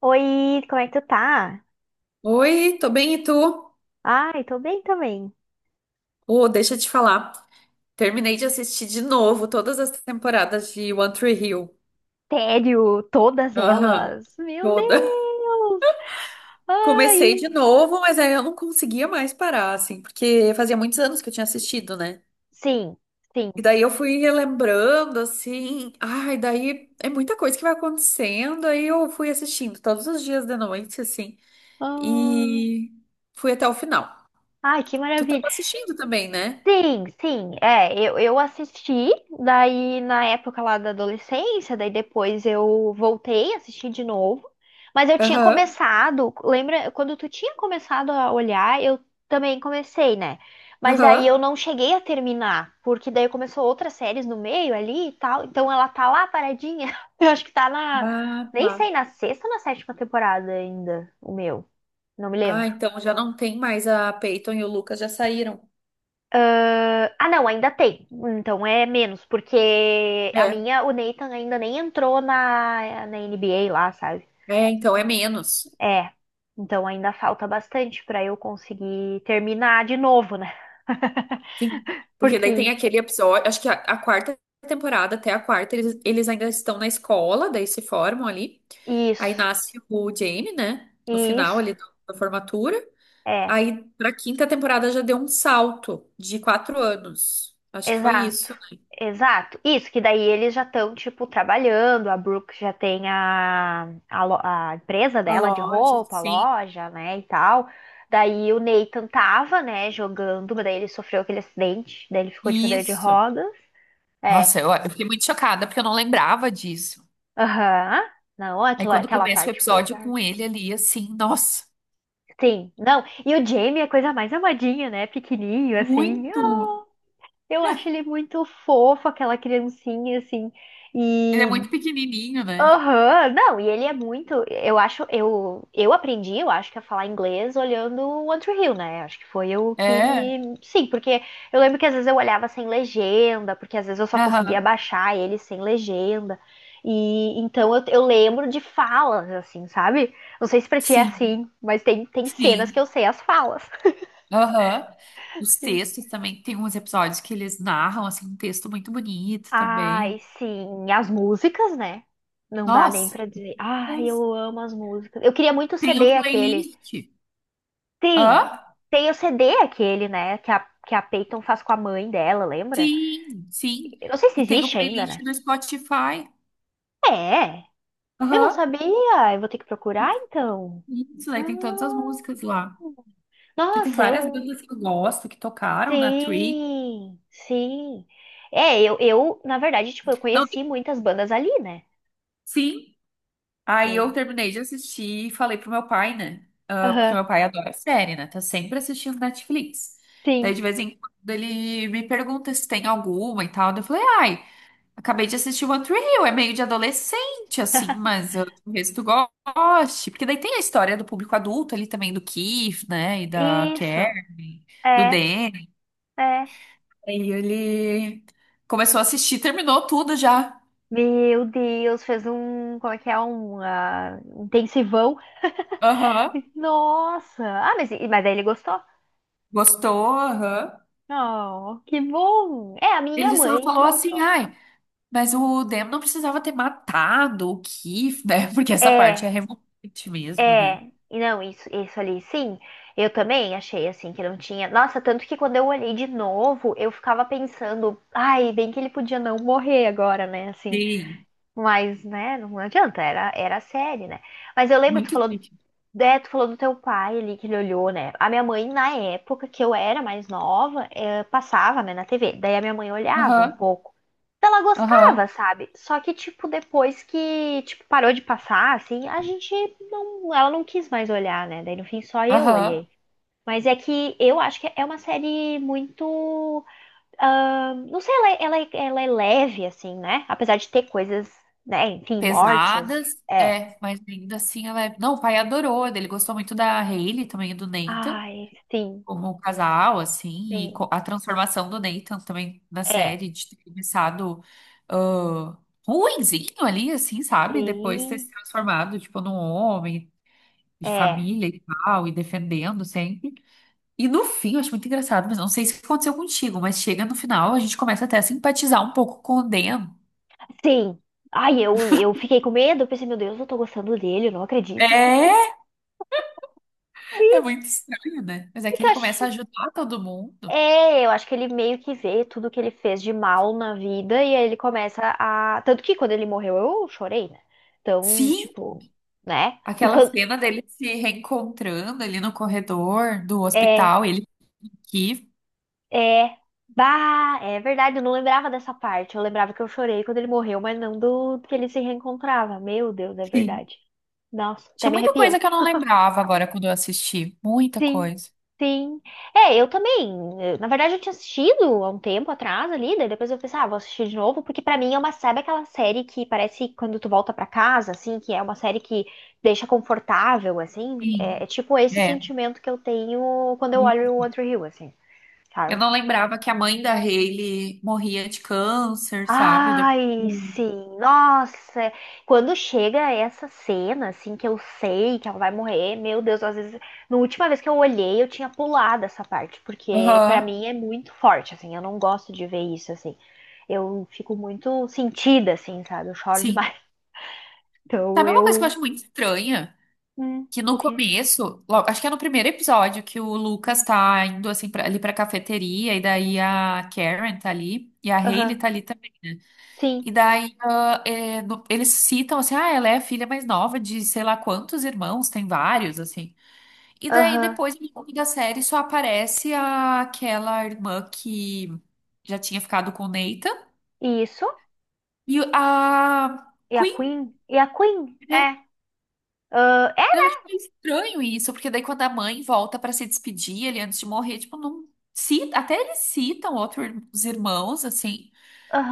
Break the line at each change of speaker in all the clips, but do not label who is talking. Oi, como é que tu tá?
Oi, tô bem e tu?
Ai, tô bem também.
Oh, deixa eu te falar. Terminei de assistir de novo todas as temporadas de One Tree Hill.
Tédio, todas
Aham,
elas. Meu
toda.
Deus!
Comecei
Ai!
de novo, mas aí eu não conseguia mais parar, assim, porque fazia muitos anos que eu tinha assistido, né?
Sim, sim.
E daí eu fui relembrando, assim. Ai, daí é muita coisa que vai acontecendo. Aí eu fui assistindo todos os dias de noite, assim,
Ah,
e fui até o final.
ai, que
Tu
maravilha.
tava assistindo também, né?
Sim, sim, é, eu assisti, daí na época lá da adolescência, daí depois eu voltei, assisti de novo, mas eu tinha
Aham,
começado, lembra, quando tu tinha começado a olhar, eu também comecei, né? Mas
aham.
daí eu não cheguei a terminar, porque daí começou outras séries no meio ali e tal, então ela tá lá paradinha, eu acho que tá na,
Ah,
nem
tá.
sei, na sexta ou na sétima temporada ainda, o meu, não me
Ah,
lembro.
então já não tem mais a Peyton e o Lucas já saíram.
Ah, não, ainda tem. Então é menos, porque a
É,
minha, o Nathan ainda nem entrou na NBA lá, sabe?
é, então é menos.
É. Então ainda falta bastante pra eu conseguir terminar de novo, né?
Sim, porque daí tem
Porque
aquele episódio, acho que a, quarta temporada, até a quarta, eles ainda estão na escola, daí se formam ali.
isso,
Aí nasce o Jamie, né? No final
isso,
ali da formatura.
é.
Aí pra quinta temporada já deu um salto de 4 anos. Acho que foi
Exato,
isso, né?
exato. Isso, que daí eles já estão, tipo, trabalhando, a Brooke já tem a empresa
A
dela de
loja,
roupa, a
sim.
loja, né, e tal. Daí o Nathan tava, né, jogando, mas daí ele sofreu aquele acidente, daí ele ficou de cadeira de
Isso.
rodas. É,
Nossa, eu fiquei muito chocada porque eu não lembrava disso.
aham. Não,
Aí
aquilo,
quando
aquela
começa o
parte foi
episódio
dark.
com ele ali, assim, nossa,
Sim, não. E o Jamie é a coisa mais amadinha, né, pequenininho, assim. Ah,
muito.
eu acho ele muito fofo, aquela criancinha, assim.
Ele é
E
muito pequenininho, né?
aham, não, e ele é muito. Eu acho, eu aprendi, eu acho que a falar inglês olhando o One Tree Hill, né? Acho que foi o que
É.
me. Sim, porque eu lembro que às vezes eu olhava sem legenda, porque às vezes eu só conseguia
Aham.
baixar ele sem legenda. E então eu lembro de falas, assim, sabe? Não sei se pra ti é
Sim,
assim, mas tem, tem cenas que
sim.
eu sei as falas.
Aham. Os textos também, tem uns episódios que eles narram, assim, um texto muito bonito
Ai,
também.
sim, as músicas, né? Não dá nem
Nossa,
pra dizer. Ai, eu amo as músicas. Eu queria muito o
tem
CD
um
aquele.
playlist.
Tem,
Hã?
tem o CD aquele, né? Que a Peyton faz com a mãe dela, lembra?
Sim, sim.
Eu não sei se
E tem o
existe ainda,
playlist
né?
no Spotify.
É, eu não
Aham.
sabia. Eu vou ter que procurar então.
Isso, aí tem todas as
Hum,
músicas lá. Porque tem
nossa,
várias
eu.
bandas que eu gosto, que tocaram na Tree.
Sim, sim. É, eu, na verdade, tipo, eu conheci muitas bandas ali, né?
Sim, aí eu
E-
terminei de assistir e falei pro meu pai, né? Ah, porque
Aham,
meu pai adora série, né? Tá sempre assistindo Netflix. Daí
sim.
de vez em quando ele me pergunta se tem alguma e tal. Daí eu falei, ai, acabei de assistir One Tree Hill, é meio de adolescente, assim, mas eu talvez tu goste. Porque daí tem a história do público adulto ali também, do Keith, né? E da Karen,
Isso,
do
é,
Danny.
é.
Aí ele começou a assistir, terminou tudo já.
Meu Deus, fez um, como é que é, um intensivão.
Aham.
Nossa! Ah, mas, mas aí ele gostou?
Gostou? Aham.
Oh, que bom! É, a minha
Ele só
mãe
falou assim,
gostou.
ai, mas o Demo não precisava ter matado o Keith, né? Porque essa parte é
É,
revoltante mesmo, né?
é. E não, isso ali, sim. Eu também achei assim que não tinha. Nossa, tanto que quando eu olhei de novo, eu ficava pensando, ai, bem que ele podia não morrer agora, né? Assim,
Sim,
mas, né, não adianta, era, era a série, né? Mas eu lembro, tu
muito
falou.
triste.
É, tu falou do teu pai ali que ele olhou, né? A minha mãe, na época que eu era mais nova, passava, né, na TV. Daí a minha mãe olhava um
Aham,
pouco. Então, ela
aham,
gostava, sabe? Só que, tipo, depois que, tipo, parou de passar, assim, a gente não. Ela não quis mais olhar, né? Daí no fim só eu
aham.
olhei. Mas é que eu acho que é uma série muito. Ah, não sei, ela, ela, ela é leve, assim, né? Apesar de ter coisas, né? Enfim, mortes.
Pesadas,
É.
é, mas ainda assim ela é... Não, o pai adorou, né? Ele gostou muito da Hayley também, do Nathan,
Ai, sim,
como o casal, assim, e
sim.
a transformação do Nathan também na
É,
série, de ter começado ah, ruinzinho ali, assim, sabe? Depois ter se
sim,
transformado, tipo, num homem e de
é,
família e tal, e defendendo sempre. E no fim, eu acho muito engraçado, mas não sei se aconteceu contigo, mas chega no final, a gente começa até a simpatizar um pouco com o Dan.
sim. Ai, eu fiquei com medo, eu pensei, meu Deus, eu tô gostando dele, eu não acredito.
É, é muito estranho, né? Mas é que
Porque eu
ele
acho,
começa a ajudar todo mundo.
é, eu acho que ele meio que vê tudo que ele fez de mal na vida e aí ele começa a. Tanto que quando ele morreu eu chorei, né? Então,
Sim,
tipo, né? E
aquela
quando.
cena dele se reencontrando ali no corredor do
É,
hospital, ele aqui.
é. Bah, é verdade, eu não lembrava dessa parte. Eu lembrava que eu chorei quando ele morreu, mas não do que ele se reencontrava. Meu Deus, é
Sim.
verdade. Nossa, até
Tinha
me
muita coisa que
arrepiei.
eu não lembrava agora quando eu assisti. Muita
Sim,
coisa.
sim. É, eu também. Na verdade, eu tinha assistido há um tempo atrás ali, daí depois eu pensei, ah, vou assistir de novo, porque pra mim é uma, sabe aquela série que parece quando tu volta pra casa, assim, que é uma série que deixa confortável, assim? É,
Sim.
é tipo esse
É.
sentimento que eu tenho quando eu olho o One Tree Hill, assim,
Eu
sabe?
não lembrava que a mãe da Hailey morria de câncer, sabe? Depois
Ai,
hum.
sim, nossa, quando chega essa cena, assim, que eu sei que ela vai morrer, meu Deus, às vezes, na última vez que eu olhei, eu tinha pulado essa parte, porque pra
Aham.
mim é muito forte, assim, eu não gosto de ver isso, assim, eu fico muito sentida, assim, sabe, eu choro
Sim.
demais, então
Sabe uma coisa que eu
eu,
acho muito estranha? Que no
o quê?
começo, logo, acho que é no primeiro episódio, que o Lucas tá indo assim pra, ali pra cafeteria, e daí a Karen tá ali, e a
Aham,
Hailey tá ali também, né? E
sim,
daí ah, é, eles citam assim, ah, ela é a filha mais nova de sei lá quantos irmãos, tem vários, assim. E daí
aham,
depois, no longo da série, só aparece aquela irmã que já tinha ficado com o Nathan
isso,
e a Queen,
E a Queen,
né?
é, ah, é,
Eu acho meio estranho isso, porque daí quando a mãe volta pra se despedir ele antes de morrer, tipo, não cita, até eles citam outros irmãos, assim,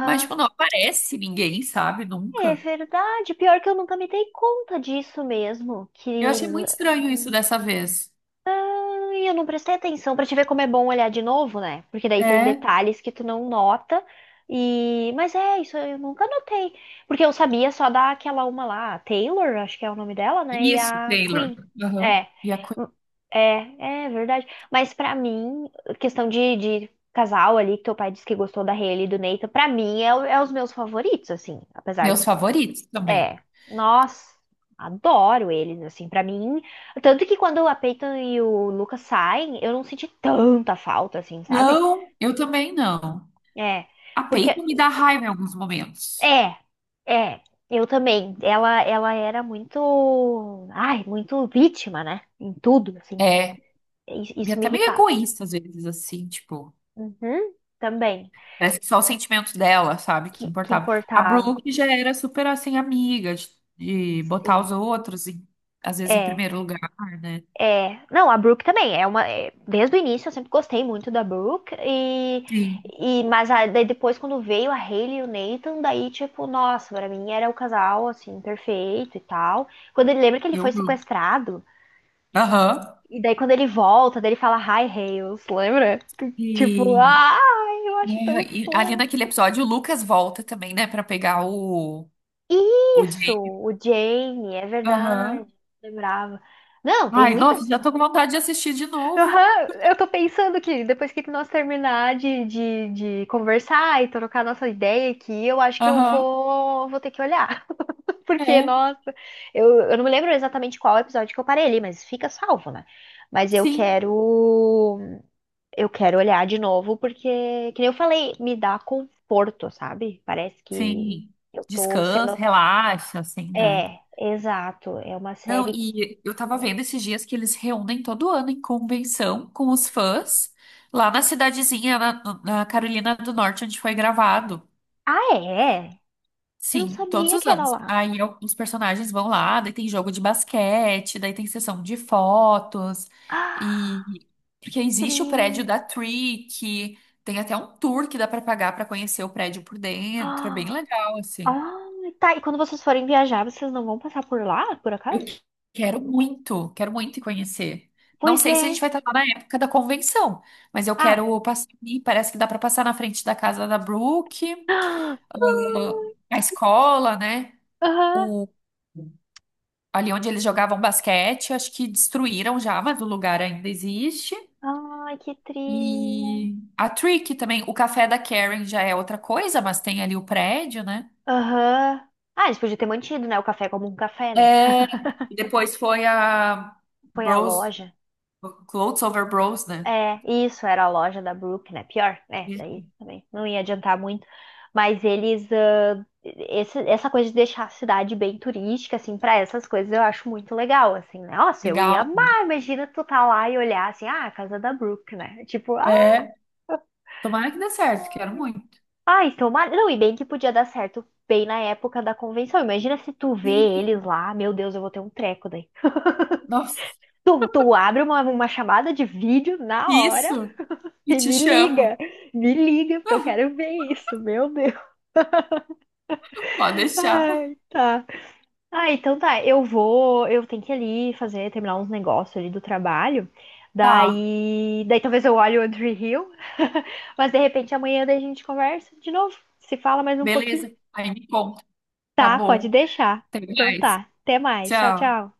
mas tipo, não aparece ninguém, sabe?
É
Nunca.
verdade. Pior que eu nunca me dei conta disso mesmo.
Eu
Que.
achei muito estranho isso dessa vez.
Ai, eu não prestei atenção pra te ver como é bom olhar de novo, né? Porque daí tem
É.
detalhes que tu não nota. E. Mas é, isso eu nunca notei. Porque eu sabia só daquela uma lá, a Taylor, acho que é o nome dela, né? E
Isso,
a
Taylor.
Queen.
Aham.
É.
E a Queen,
É, é verdade. Mas pra mim, questão de casal ali, que teu pai disse que gostou da Hailey e do Nathan, pra mim é, é os meus favoritos, assim. Apesar
meus
de
favoritos também.
é, nossa, adoro eles, assim, pra mim. Tanto que quando a Peyton e o Lucas saem, eu não senti tanta falta, assim, sabe?
Não, eu também não.
É,
A
porque,
peita me dá raiva em alguns momentos.
é, é, eu também. Ela era muito, ai, muito vítima, né? Em tudo, assim.
É,
Isso,
e
isso me
até meio
irritava.
egoísta às vezes, assim, tipo.
Uhum, também,
Parece que só o sentimento dela, sabe, que
que
importava. A
importava,
Brooke já era super, assim, amiga de botar os
sim.
outros, às vezes, em
É.
primeiro lugar, né?
É, não, a Brooke também é uma, é, desde o início eu sempre gostei muito da Brooke
Sim,
e mas daí depois quando veio a Hailey e o Nathan, daí tipo, nossa, pra mim era o casal assim perfeito e tal. Quando ele lembra que ele
eu
foi
amo.
sequestrado
Aham.
e daí quando ele volta, daí ele fala Hi Hales, lembra? Tipo,
E,
ai, eu acho
é,
tão
e ali naquele
fofo.
episódio, o Lucas volta também, né, pra pegar o
Isso,
Jay.
o Jamie, é verdade,
Aham.
lembrava. Não, tem
Ai,
muitas.
nossa, já tô com vontade de assistir de novo.
Aham, eu tô pensando que depois que nós terminar de conversar e trocar nossa ideia aqui, eu acho que
Aham.
vou ter que olhar. Porque,
É,
nossa, eu não me lembro exatamente qual episódio que eu parei ali, mas fica salvo, né? Mas
sim.
eu quero olhar de novo, porque, que nem eu falei, me dá conforto, sabe? Parece que
Sim.
eu tô
Descansa,
sendo.
relaxa, assim, né?
É, exato. É uma
Não,
série que.
e eu tava vendo esses dias que eles reúnem todo ano em convenção com os fãs lá na cidadezinha, na Carolina do Norte, onde foi gravado.
Ah, é? Eu não
Sim, todos
sabia
os
que era
anos.
lá.
Aí os personagens vão lá, daí tem jogo de basquete, daí tem sessão de fotos,
Ah!
e porque existe o prédio
Tri.
da Tree, que tem até um tour que dá pra pagar pra conhecer o prédio por dentro, é bem
Ah,
legal, assim.
ah, tá. E quando vocês forem viajar, vocês não vão passar por lá, por
Eu
acaso?
que- quero muito, quero muito ir conhecer. Não
Pois
sei
é.
se a gente vai estar lá na época da convenção, mas eu
Ah.
quero passar ali. Parece que dá para passar na frente da casa da Brooke,
Ah,
a escola, né?
aham.
O, ali onde eles jogavam basquete, acho que destruíram já, mas o lugar ainda existe.
Ai, que tri.
E a Trick também. O café da Karen já é outra coisa, mas tem ali o prédio, né?
Aham. Ah, eles podiam ter mantido, né, o café como um café, né?
É, e depois foi a
Foi a
Bros,
loja.
Clothes Over Bros, né?
É, isso era a loja da Brooke, né? Pior, né? Daí também não ia adiantar muito. Mas eles, ah, essa coisa de deixar a cidade bem turística, assim, para essas coisas eu acho muito legal, assim, né? Nossa, eu ia
Legal, né?
amar. Imagina tu tá lá e olhar assim, ah, a casa da Brooke, né? Tipo, ah,
É, tomara que dê certo, quero muito.
ai, tomara. Não, e bem que podia dar certo bem na época da convenção. Imagina se tu vê eles
Sim.
lá, meu Deus, eu vou ter um treco daí.
Nossa,
Tu, tu abre uma chamada de vídeo na hora.
isso. E
E
te chamo.
me liga, porque eu quero ver isso, meu Deus.
Pode deixar.
Ai, tá. Ah, então tá, eu vou, eu tenho que ir ali fazer, terminar uns negócios ali do trabalho.
Tá,
Daí, daí talvez eu olhe o Andrew Hill, mas de repente amanhã daí a gente conversa de novo, se fala mais um pouquinho.
beleza. Aí me conta, tá
Tá, pode
bom.
deixar.
Até
Então
mais.
tá, até mais. Tchau,
Tchau.
tchau.